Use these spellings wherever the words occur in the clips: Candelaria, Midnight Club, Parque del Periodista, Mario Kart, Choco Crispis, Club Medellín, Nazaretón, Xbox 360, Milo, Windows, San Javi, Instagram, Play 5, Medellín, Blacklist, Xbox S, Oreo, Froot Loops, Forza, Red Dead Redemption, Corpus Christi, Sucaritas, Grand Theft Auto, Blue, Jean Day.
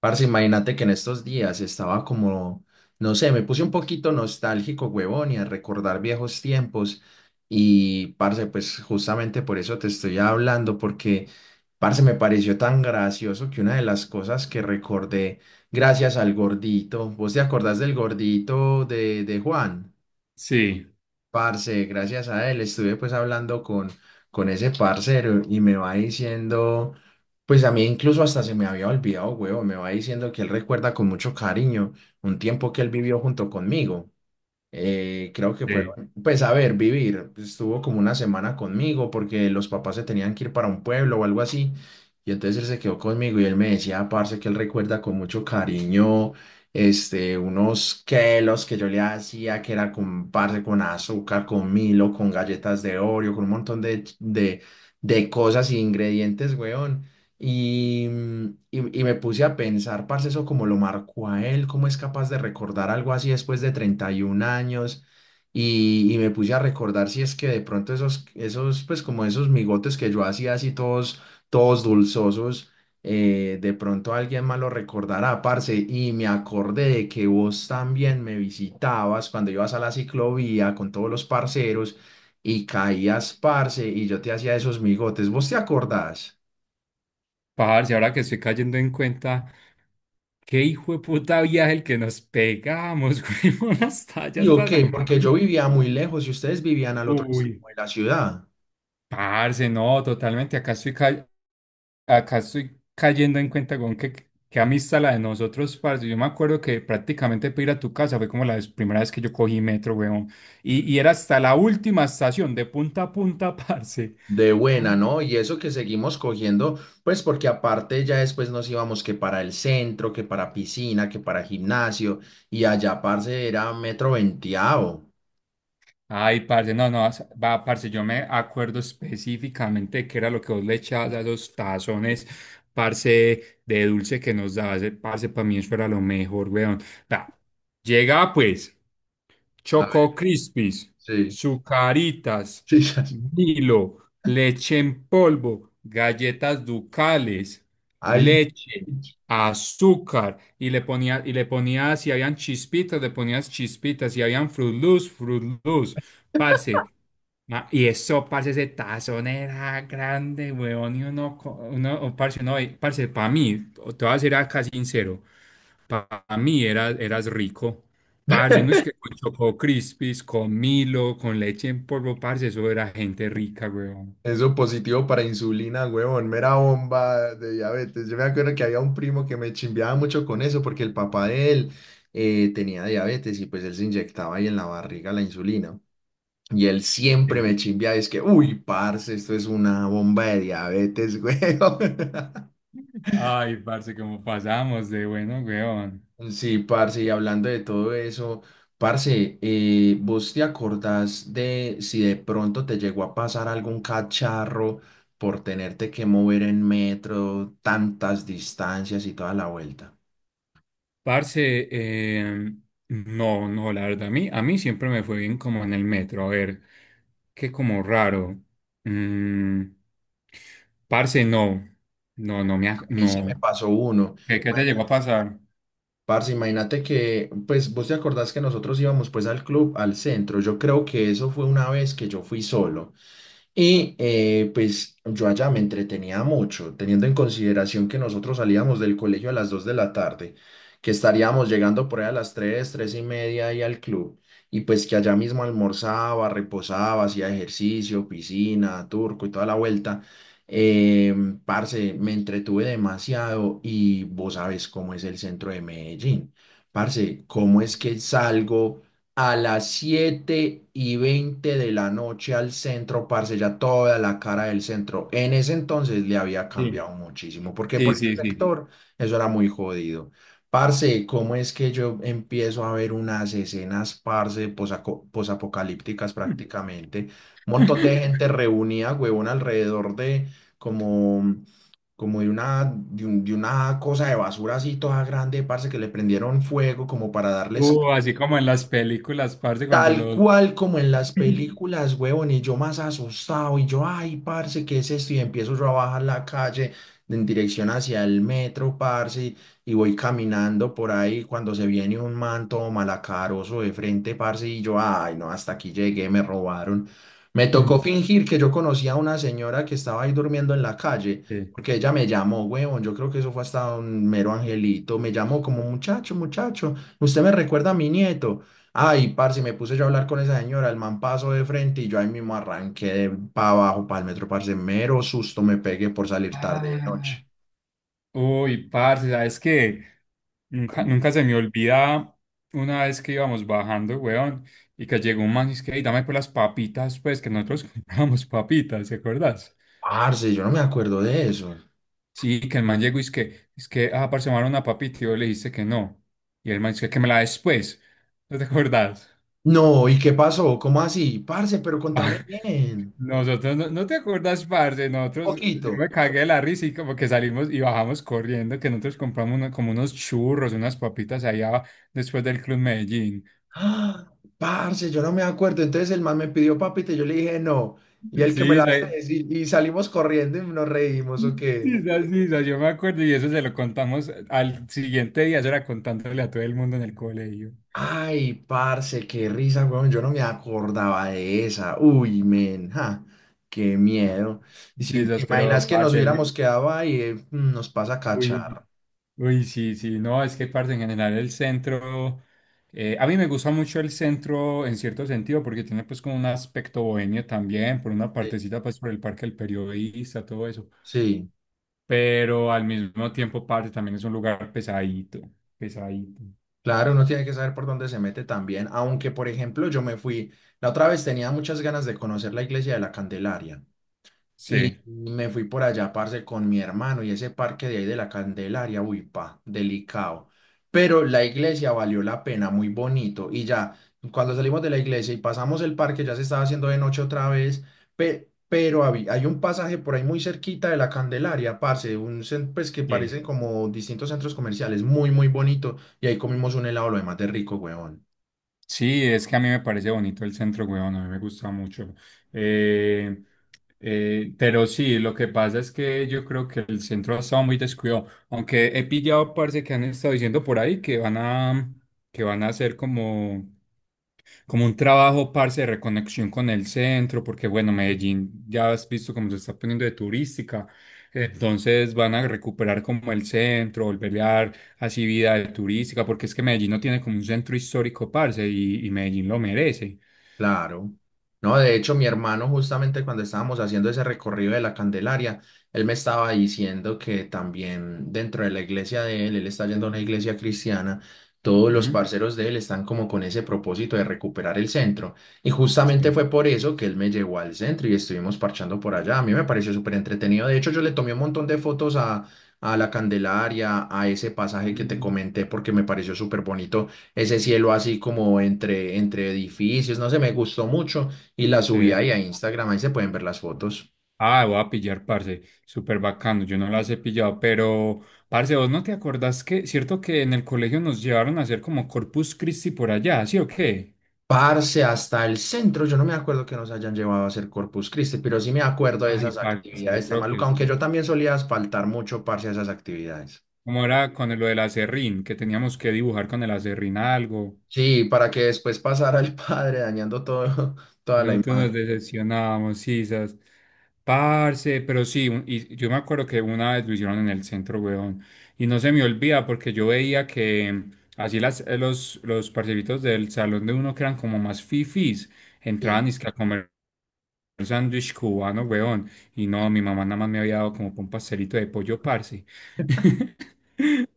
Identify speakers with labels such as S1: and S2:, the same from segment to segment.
S1: Parce, imagínate que en estos días estaba como, no sé, me puse un poquito nostálgico, huevón, y a recordar viejos tiempos. Y, parce, pues justamente por eso te estoy hablando, porque, parce, me pareció tan gracioso que una de las cosas que recordé, gracias al gordito, ¿vos te acordás del gordito de Juan?
S2: Sí,
S1: Parce, gracias a él estuve pues hablando con ese parcero y me va diciendo, pues a mí incluso hasta se me había olvidado, huevo, me va diciendo que él recuerda con mucho cariño un tiempo que él vivió junto conmigo. Creo que
S2: sí.
S1: fueron, pues a ver, vivir. Estuvo como una semana conmigo porque los papás se tenían que ir para un pueblo o algo así. Y entonces él se quedó conmigo y él me decía, parce, que él recuerda con mucho cariño, este, unos quelos que yo le hacía, que era con, parce, con azúcar, con Milo, con galletas de Oreo, con un montón de cosas e ingredientes, weón. Y, y me puse a pensar, parce, eso como lo marcó a él, cómo es capaz de recordar algo así después de 31 años. Y me puse a recordar si es que de pronto pues como esos migotes que yo hacía así todos, todos dulzosos, de pronto alguien más lo recordará, parce. Y me acordé de que vos también me visitabas cuando ibas a la ciclovía con todos los parceros y caías, parce, y yo te hacía esos migotes. ¿Vos te acordás?
S2: Parce, ahora que estoy cayendo en cuenta, qué hijo de puta viaje el que nos pegamos, güey, hasta allá,
S1: Digo
S2: hasta
S1: que
S2: San
S1: porque yo
S2: Javi.
S1: vivía muy lejos y ustedes vivían al otro
S2: Uy,
S1: extremo de la ciudad,
S2: parce, no, totalmente. Acá estoy, acá estoy cayendo en cuenta con qué, qué amistad la de nosotros, parce. Yo me acuerdo que prácticamente para ir a tu casa fue como la primera vez que yo cogí metro, weón. Y era hasta la última estación, de punta a punta, parce.
S1: de buena, ¿no? Y eso que seguimos cogiendo, pues porque aparte ya después nos íbamos que para el centro, que para piscina, que para gimnasio, y allá, parce, era metro veinteavo.
S2: Ay, parce, no, no, va, parce, yo me acuerdo específicamente de qué era lo que vos le echabas a esos tazones, parce, de dulce que nos dabas, parce, para mí eso era lo mejor, weón. Va, llegaba pues.
S1: A ver,
S2: Choco Crispis,
S1: sí,
S2: Sucaritas,
S1: sí, ya-
S2: Milo, leche en polvo, galletas ducales,
S1: ay.
S2: leche, azúcar, y le ponía, si habían chispitas, le ponías chispitas, si habían Froot Loops, Froot Loops, parce. Ah, y eso, parce, ese tazón era grande, weón, y uno, uno oh, parce, no, parce, para mí, te voy a ser acá sincero, para mí era, eras rico. Parce, uno es que con Choco Crispis, con Milo, con leche en polvo, parce, eso era gente rica, weón.
S1: Eso positivo para insulina, huevón, mera bomba de diabetes. Yo me acuerdo que había un primo que me chimbeaba mucho con eso porque el papá de él tenía diabetes y pues él se inyectaba ahí en la barriga la insulina. Y él siempre
S2: Sí.
S1: me chimbeaba y es que, uy, parce, esto es una bomba de diabetes, huevón.
S2: Ay, parce, cómo pasamos de bueno, weón.
S1: Sí, parce, y hablando de todo eso, parce, ¿vos te acordás de si de pronto te llegó a pasar algún cacharro por tenerte que mover en metro, tantas distancias y toda la vuelta?
S2: Parce, no, no, la verdad, a mí siempre me fue bien como en el metro, a ver, qué como raro. Mm, parce, no, no, no me,
S1: A mí sí me
S2: no.
S1: pasó uno.
S2: ¿Qué, qué te llegó a pasar?
S1: Parce, imagínate que, pues vos te acordás que nosotros íbamos pues al club, al centro. Yo creo que eso fue una vez que yo fui solo. Y pues yo allá me entretenía mucho, teniendo en consideración que nosotros salíamos del colegio a las 2 de la tarde, que estaríamos llegando por ahí a las tres y media ahí al club, y pues que allá mismo almorzaba, reposaba, hacía ejercicio, piscina, turco y toda la vuelta. Eh, Parce, me entretuve demasiado y vos sabes cómo es el centro de Medellín. Parce, ¿cómo es que salgo a las 7 y veinte de la noche al centro, parce? Ya toda la cara del centro. En ese entonces le había
S2: Sí,
S1: cambiado muchísimo, porque
S2: sí,
S1: por ese
S2: sí, sí.
S1: sector eso era muy jodido. Parce, ¿cómo es que yo empiezo a ver unas escenas, parce, posapocalípticas prácticamente? Un montón de gente reunida, huevón, alrededor de como, como de una cosa de basura así toda grande, parce, que le prendieron fuego como para darles...
S2: Así como en las películas, parce, cuando
S1: Tal
S2: los...
S1: cual como en las películas, huevón, y yo más asustado, y yo, ay, parce, ¿qué es esto? Y empiezo yo a bajar la calle en dirección hacia el metro, parce, y voy caminando por ahí cuando se viene un manto malacaroso de frente, parce, y yo, ay, no, hasta aquí llegué, me robaron. Me tocó fingir que yo conocía a una señora que estaba ahí durmiendo en la calle,
S2: Sí.
S1: porque ella me llamó, huevón, yo creo que eso fue hasta un mero angelito, me llamó como muchacho, muchacho, usted me recuerda a mi nieto. Ay, parce, me puse yo a hablar con esa señora, el man pasó de frente y yo ahí mismo arranqué para abajo, para el metro, parce, mero susto me pegué por salir tarde de
S2: Ah,
S1: noche.
S2: uy, parce, ¿sabes qué? Nunca,
S1: Mm.
S2: nunca se me olvida una vez que íbamos bajando, weón, y que llegó un man y es que, "Ey, dame por las papitas, pues, que nosotros comprábamos papitas, ¿te acuerdas?"
S1: Parce, yo no me acuerdo de eso.
S2: Sí, que el man llegó y es que, ah, parce, me van a dar una papita, y yo le dije que no. Y el man dice que me la des, pues, ¿no te acuerdas?
S1: No, ¿y qué pasó? ¿Cómo así? Parce, pero contame bien,
S2: Nosotros, no, no te acuerdas, parce,
S1: un
S2: nosotros, yo
S1: poquito.
S2: me cagué de la risa y como que salimos y bajamos corriendo, que nosotros compramos como unos churros, unas papitas allá después del Club Medellín.
S1: Ah, parce, yo no me acuerdo. Entonces el man me pidió papita y yo le dije no. Y el que me
S2: Sí, sí,
S1: la hace y salimos corriendo y nos reímos,
S2: sí,
S1: ¿o qué?
S2: sí, sí, sí, yo me acuerdo y eso se lo contamos al siguiente día, eso era contándole a todo el mundo en el colegio.
S1: Ay, parce, qué risa, weón. Yo no me acordaba de esa. Uy, men, ja, qué miedo. Y
S2: Sí,
S1: si te
S2: sí, pero,
S1: imaginas que nos
S2: parce,
S1: hubiéramos quedado ahí, nos pasa a
S2: uy.
S1: cachar.
S2: Uy, sí, sí, no, es que parte en general el centro, a mí me gusta mucho el centro en cierto sentido porque tiene pues como un aspecto bohemio también, por una
S1: Sí.
S2: partecita pues por el Parque del Periodista, todo eso,
S1: Sí,
S2: pero al mismo tiempo parte también es un lugar pesadito, pesadito.
S1: claro, uno tiene que saber por dónde se mete también. Aunque, por ejemplo, yo me fui, la otra vez tenía muchas ganas de conocer la iglesia de la Candelaria. Y
S2: Sí,
S1: me fui por allá, parce, con mi hermano y ese parque de ahí de la Candelaria, uy, pa, delicado. Pero la iglesia valió la pena, muy bonito. Y ya, cuando salimos de la iglesia y pasamos el parque, ya se estaba haciendo de noche otra vez, hay un pasaje por ahí muy cerquita de la Candelaria, parce, un, pues que
S2: sí.
S1: parecen como distintos centros comerciales, muy, muy bonito. Y ahí comimos un helado, lo demás de rico, weón.
S2: Sí, es que a mí me parece bonito el centro, weón, a mí me gusta mucho. Eh, pero sí, lo que pasa es que yo creo que el centro ha estado muy descuidado, aunque he pillado, parce, que han estado diciendo por ahí que van a hacer como un trabajo, parce, de reconexión con el centro, porque bueno, Medellín ya has visto cómo se está poniendo de turística, entonces van a recuperar como el centro, volverle a dar así vida de turística, porque es que Medellín no tiene como un centro histórico, parce, y Medellín lo merece.
S1: Claro. No, de hecho, mi hermano, justamente cuando estábamos haciendo ese recorrido de la Candelaria, él me estaba diciendo que también dentro de la iglesia de él, él está yendo a una iglesia cristiana, todos los
S2: Ujú.
S1: parceros de él están como con ese propósito de recuperar el centro. Y justamente
S2: Sí.
S1: fue por eso que él me llevó al centro y estuvimos parchando por allá. A mí me pareció súper entretenido. De hecho, yo le tomé un montón de fotos a la Candelaria, a ese pasaje que te
S2: Ujú.
S1: comenté, porque me pareció súper bonito ese cielo así como entre, entre edificios, no sé, me gustó mucho y la
S2: Sí.
S1: subí ahí a Instagram, ahí se pueden ver las fotos.
S2: Ah, voy a pillar, parce, súper bacano, yo no las he pillado, pero, parce, vos no te acordás que, cierto que en el colegio nos llevaron a hacer como Corpus Christi por allá, ¿sí o qué?
S1: Parce, hasta el centro, yo no me acuerdo que nos hayan llevado a hacer Corpus Christi, pero sí me acuerdo de
S2: Ay,
S1: esas
S2: parce, yo
S1: actividades tan
S2: creo que
S1: malucas, aunque
S2: sí.
S1: yo también solía asfaltar mucho, parce, a esas actividades.
S2: Como era con lo del acerrín, que teníamos que dibujar con el acerrín algo,
S1: Sí, para que después pasara el padre dañando todo,
S2: y
S1: toda la
S2: nosotros nos
S1: imagen.
S2: decepcionábamos, sisas. Parce, pero sí, y yo me acuerdo que una vez lo hicieron en el centro, weón. Y no se me olvida porque yo veía que así las, los parceritos del salón de uno que eran como más fifís,
S1: Sí.
S2: entraban y a comer un sándwich cubano, weón. Y no, mi mamá nada más me había dado como pa' un pastelito de pollo, parce.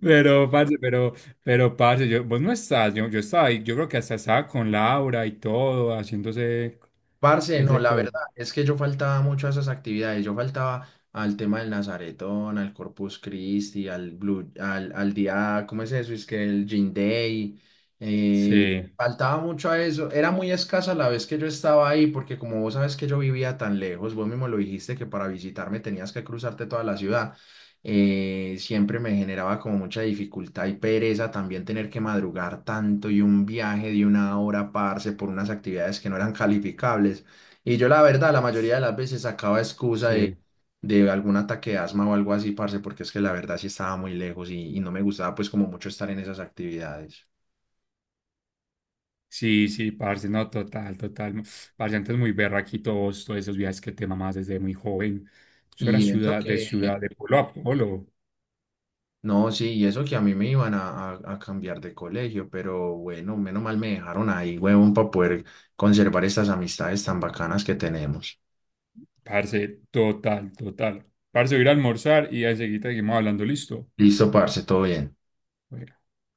S2: Pero, parce, pero, pero, parce, yo, vos no estás, yo estaba ahí, yo creo que hasta estaba con Laura y todo, haciéndose
S1: Parce, no,
S2: ese
S1: la
S2: cosa.
S1: verdad es que yo faltaba mucho a esas actividades. Yo faltaba al tema del Nazaretón, al Corpus Christi, al Blue, al, al día, ¿cómo es eso? Es que el Jean Day. eh,
S2: Sí,
S1: Faltaba mucho a eso. Era muy escasa la vez que yo estaba ahí, porque como vos sabes que yo vivía tan lejos, vos mismo lo dijiste que para visitarme tenías que cruzarte toda la ciudad siempre me generaba como mucha dificultad y pereza también tener que madrugar tanto y un viaje de 1 hora, parce, por unas actividades que no eran calificables. Y yo la verdad, la mayoría de las veces sacaba excusa
S2: sí,
S1: de algún ataque de asma o algo así, parce, porque es que la verdad sí estaba muy lejos y no me gustaba pues como mucho estar en esas actividades.
S2: sí, sí, parce, no, total, total. No. Parce, antes muy berraquito vos, todos esos viajes que te mamás desde muy joven. Eso era
S1: Y eso que,
S2: ciudad, de pueblo a pueblo.
S1: no, sí, y eso que a mí me iban a cambiar de colegio, pero bueno, menos mal me dejaron ahí, huevón, para poder conservar estas amistades tan bacanas que tenemos.
S2: Parce, total, total. Parce, voy a ir a almorzar y ahí seguita seguimos hablando, listo.
S1: Listo, parce, todo bien.
S2: Oiga.